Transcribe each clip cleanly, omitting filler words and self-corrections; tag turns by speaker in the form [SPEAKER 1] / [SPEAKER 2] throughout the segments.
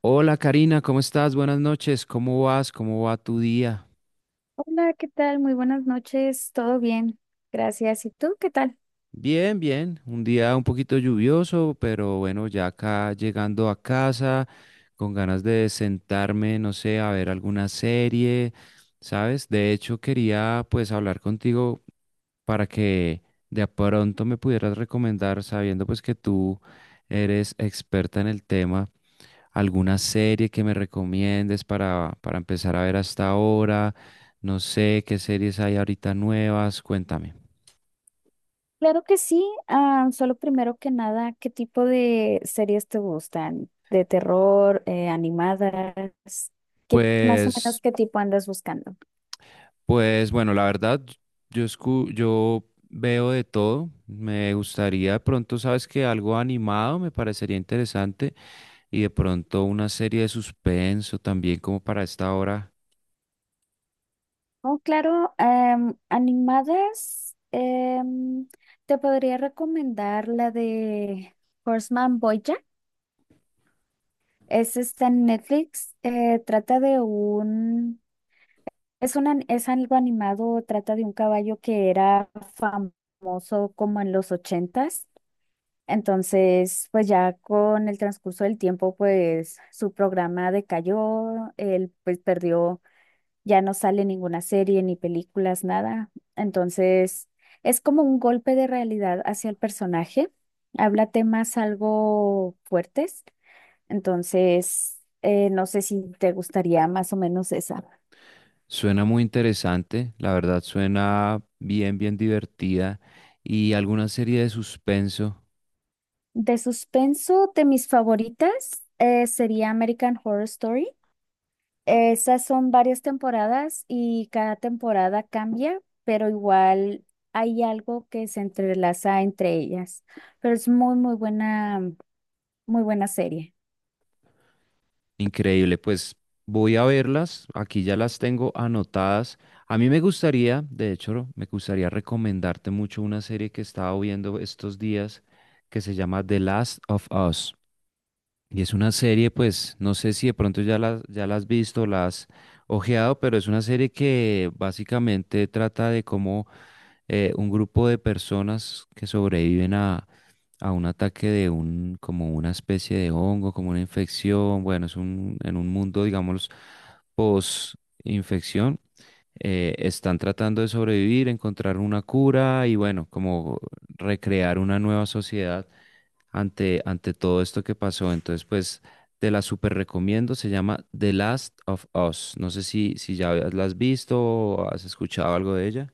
[SPEAKER 1] Hola, Karina, ¿cómo estás? Buenas noches, ¿cómo vas? ¿Cómo va tu día?
[SPEAKER 2] Hola, ¿qué tal? Muy buenas noches, todo bien, gracias. ¿Y tú qué tal?
[SPEAKER 1] Bien, bien, un día un poquito lluvioso, pero bueno, ya acá llegando a casa, con ganas de sentarme, no sé, a ver alguna serie, ¿sabes? De hecho, quería pues hablar contigo para que de pronto me pudieras recomendar, sabiendo pues que tú eres experta en el tema. Alguna serie que me recomiendes para empezar a ver hasta ahora. No sé qué series hay ahorita nuevas, cuéntame.
[SPEAKER 2] Claro que sí, ah, solo primero que nada, ¿qué tipo de series te gustan? ¿De terror, animadas? ¿Qué más o menos
[SPEAKER 1] Pues,
[SPEAKER 2] qué tipo andas buscando?
[SPEAKER 1] pues bueno, la verdad, yo veo de todo. Me gustaría de pronto, sabes que algo animado me parecería interesante y de pronto una serie de suspenso también como para esta hora.
[SPEAKER 2] Oh, claro, animadas, te podría recomendar la de Horseman Bojack. Es está en Netflix, trata de un. Es algo animado, trata de un caballo que era famoso como en los ochentas. Entonces, pues ya con el transcurso del tiempo, pues su programa decayó, él pues perdió, ya no sale ninguna serie, ni películas, nada. Entonces, es como un golpe de realidad hacia el personaje. Habla temas algo fuertes. Entonces, no sé si te gustaría más o menos esa.
[SPEAKER 1] Suena muy interesante, la verdad suena bien, bien divertida y alguna serie de suspenso.
[SPEAKER 2] De suspenso, de mis favoritas sería American Horror Story. Esas son varias temporadas y cada temporada cambia, pero igual hay algo que se entrelaza entre ellas. Pero es muy, muy buena serie.
[SPEAKER 1] Increíble, pues voy a verlas, aquí ya las tengo anotadas. A mí me gustaría, de hecho, me gustaría recomendarte mucho una serie que estaba viendo estos días que se llama The Last of Us. Y es una serie, pues, no sé si de pronto ya la has visto, la has ojeado, pero es una serie que básicamente trata de cómo un grupo de personas que sobreviven a un ataque de un, como una especie de hongo, como una infección, bueno, es un, en un mundo, digamos, post-infección, están tratando de sobrevivir, encontrar una cura y bueno, como recrear una nueva sociedad ante todo esto que pasó. Entonces, pues… Te la super recomiendo, se llama The Last of Us. No sé si ya la has visto o has escuchado algo de ella.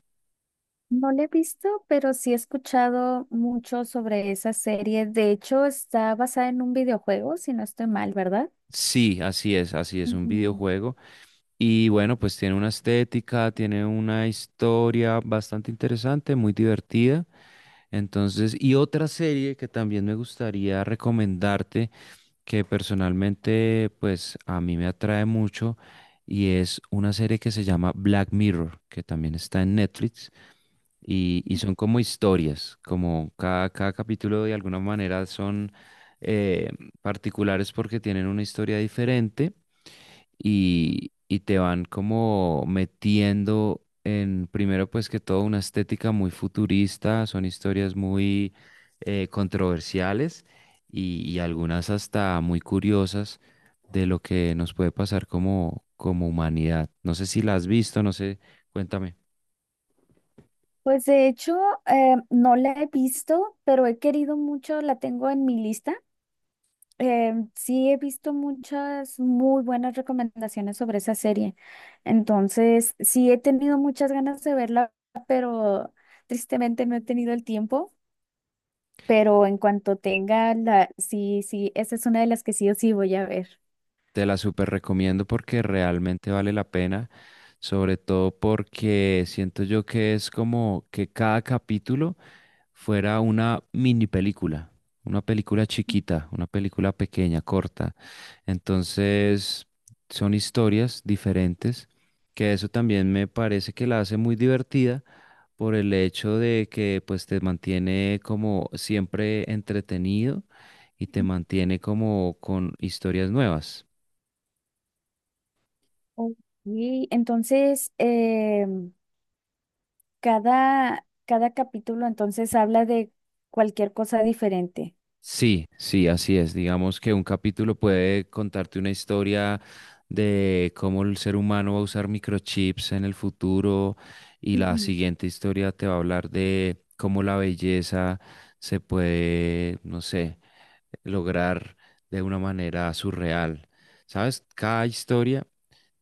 [SPEAKER 2] No la he visto, pero sí he escuchado mucho sobre esa serie. De hecho, está basada en un videojuego, si no estoy mal, ¿verdad?
[SPEAKER 1] Sí, así es un
[SPEAKER 2] Ujú.
[SPEAKER 1] videojuego. Y bueno, pues tiene una estética, tiene una historia bastante interesante, muy divertida. Entonces, y otra serie que también me gustaría recomendarte, que personalmente, pues a mí me atrae mucho, y es una serie que se llama Black Mirror, que también está en Netflix, y son como historias, como cada capítulo de alguna manera son eh, particulares porque tienen una historia diferente y te van como metiendo en, primero pues que todo, una estética muy futurista, son historias muy controversiales y algunas hasta muy curiosas de lo que nos puede pasar como, como humanidad. No sé si la has visto, no sé, cuéntame.
[SPEAKER 2] Pues de hecho, no la he visto, pero he querido mucho, la tengo en mi lista. Sí he visto muchas muy buenas recomendaciones sobre esa serie. Entonces, sí he tenido muchas ganas de verla, pero tristemente no he tenido el tiempo. Pero en cuanto tenga la, sí, sí, esa es una de las que sí o sí voy a ver.
[SPEAKER 1] Te la súper recomiendo porque realmente vale la pena, sobre todo porque siento yo que es como que cada capítulo fuera una mini película, una película chiquita, una película pequeña, corta. Entonces, son historias diferentes, que eso también me parece que la hace muy divertida por el hecho de que pues te mantiene como siempre entretenido y te mantiene como con historias nuevas.
[SPEAKER 2] Ok, entonces, em, cada capítulo entonces habla de cualquier cosa diferente.
[SPEAKER 1] Sí, sí, así es. Digamos que un capítulo puede contarte una historia de cómo el ser humano va a usar microchips en el futuro y la
[SPEAKER 2] Ujú,
[SPEAKER 1] siguiente historia te va a hablar de cómo la belleza se puede, no sé, lograr de una manera surreal. ¿Sabes? Cada historia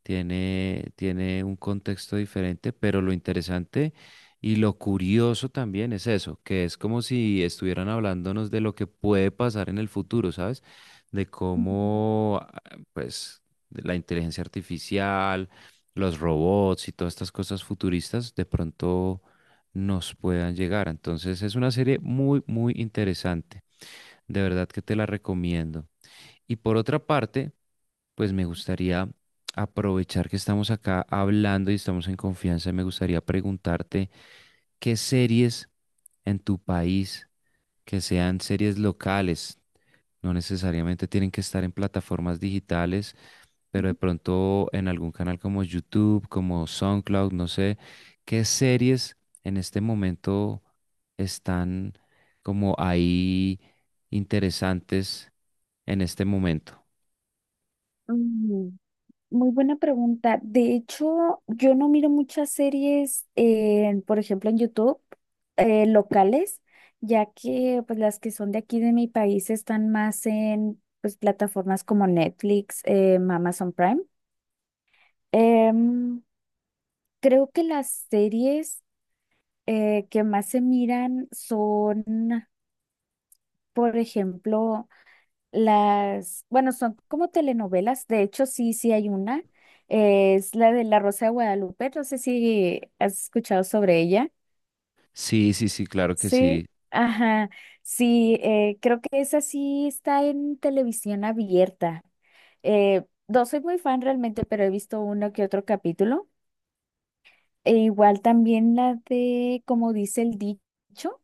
[SPEAKER 1] tiene, tiene un contexto diferente, pero lo interesante y lo curioso también es eso, que es como si estuvieran hablándonos de lo que puede pasar en el futuro, ¿sabes? De
[SPEAKER 2] ujú.
[SPEAKER 1] cómo, ah, pues, de la inteligencia artificial, los robots y todas estas cosas futuristas de pronto nos puedan llegar. Entonces es una serie muy, muy interesante. De verdad que te la recomiendo. Y por otra parte, pues me gustaría aprovechar que estamos acá hablando y estamos en confianza, me gustaría preguntarte qué series en tu país, que sean series locales, no necesariamente tienen que estar en plataformas digitales, pero de pronto en algún canal como YouTube, como SoundCloud, no sé, qué series en este momento están como ahí interesantes en este momento.
[SPEAKER 2] Mm, muy buena pregunta. De hecho, yo no miro muchas series, en, por ejemplo, en YouTube, locales, ya que pues, las que son de aquí de mi país están más en pues, plataformas como Netflix, Amazon Prime. Em, creo que las series que más se miran son, por ejemplo, las, bueno, son como telenovelas, de hecho sí, sí hay una, es la de La Rosa de Guadalupe, no sé si has escuchado sobre ella.
[SPEAKER 1] Sí, sí, sí, claro que sí.
[SPEAKER 2] Sí, ajá, sí, creo que esa sí está en televisión abierta. No soy muy fan realmente, pero he visto uno que otro capítulo. E igual también la de Como dice el dicho.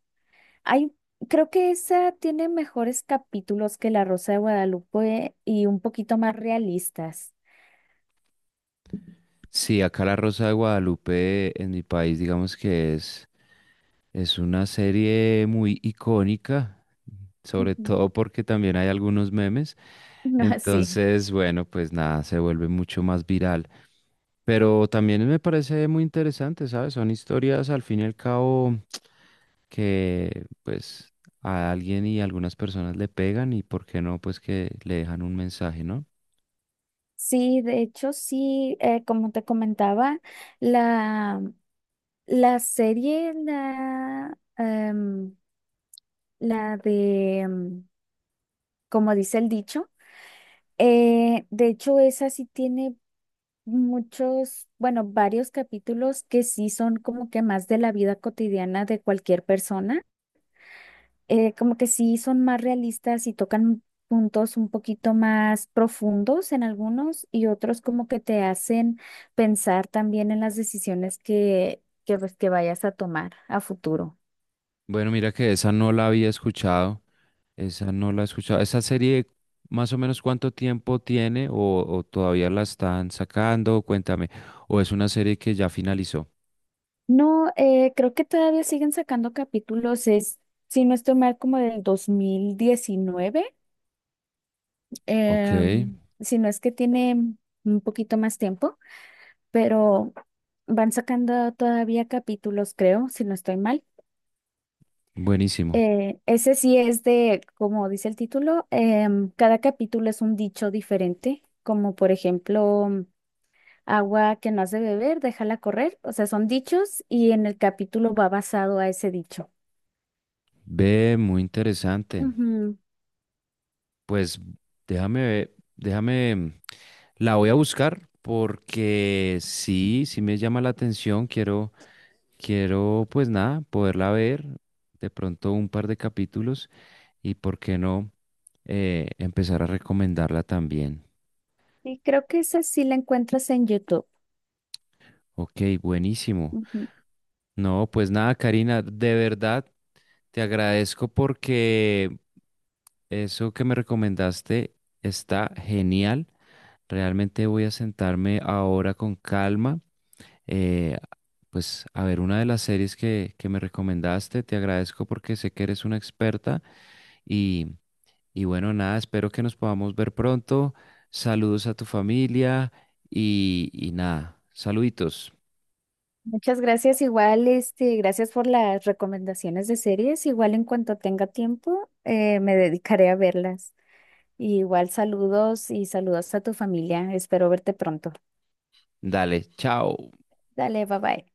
[SPEAKER 2] Hay, creo que esa tiene mejores capítulos que La Rosa de Guadalupe y un poquito más realistas.
[SPEAKER 1] Sí, acá La Rosa de Guadalupe en mi país, digamos que es una serie muy icónica, sobre
[SPEAKER 2] Ujú.
[SPEAKER 1] todo porque también hay algunos memes.
[SPEAKER 2] Ah, sí.
[SPEAKER 1] Entonces, bueno, pues nada, se vuelve mucho más viral. Pero también me parece muy interesante, ¿sabes? Son historias al fin y al cabo que pues a alguien y algunas personas le pegan y por qué no, pues que le dejan un mensaje, ¿no?
[SPEAKER 2] Sí, de hecho, sí, como te comentaba, la, la serie, la, em, la de, em, como dice el dicho, de hecho, esa sí tiene muchos, bueno, varios capítulos que sí son como que más de la vida cotidiana de cualquier persona. Eh, como que sí son más realistas y tocan puntos un poquito más profundos en algunos y otros como que te hacen pensar también en las decisiones pues, que vayas a tomar a futuro.
[SPEAKER 1] Bueno, mira que esa no la había escuchado. Esa no la he escuchado. ¿Esa serie más o menos cuánto tiempo tiene o todavía la están sacando? Cuéntame. ¿O es una serie que ya finalizó?
[SPEAKER 2] No, creo que todavía siguen sacando capítulos, es, si no estoy mal, como del 2019,
[SPEAKER 1] Ok,
[SPEAKER 2] si no es que tiene un poquito más tiempo, pero van sacando todavía capítulos, creo, si no estoy mal.
[SPEAKER 1] buenísimo.
[SPEAKER 2] Ese sí es de, como dice el título, cada capítulo es un dicho diferente, como por ejemplo, mm, agua que no has de beber, déjala correr. O sea, son dichos y en el capítulo va basado a ese dicho.
[SPEAKER 1] Ve, muy interesante.
[SPEAKER 2] Ujú.
[SPEAKER 1] Pues déjame ver, déjame, la voy a buscar porque sí, sí me llama la atención. Quiero, pues nada, poderla ver. De pronto un par de capítulos y por qué no empezar a recomendarla también.
[SPEAKER 2] Y creo que esa sí la encuentras en YouTube.
[SPEAKER 1] Ok, buenísimo.
[SPEAKER 2] Ujú.
[SPEAKER 1] No, pues nada, Karina, de verdad te agradezco porque eso que me recomendaste está genial. Realmente voy a sentarme ahora con calma, eh, pues a ver una de las series que me recomendaste. Te agradezco porque sé que eres una experta y, y bueno, nada, espero que nos podamos ver pronto. Saludos a tu familia y nada, saluditos.
[SPEAKER 2] Muchas gracias, igual, este, gracias por las recomendaciones de series. Igual en cuanto tenga tiempo, me dedicaré a verlas. Y igual saludos y saludos a tu familia. Espero verte pronto.
[SPEAKER 1] Dale, chao.
[SPEAKER 2] Dale, bye bye.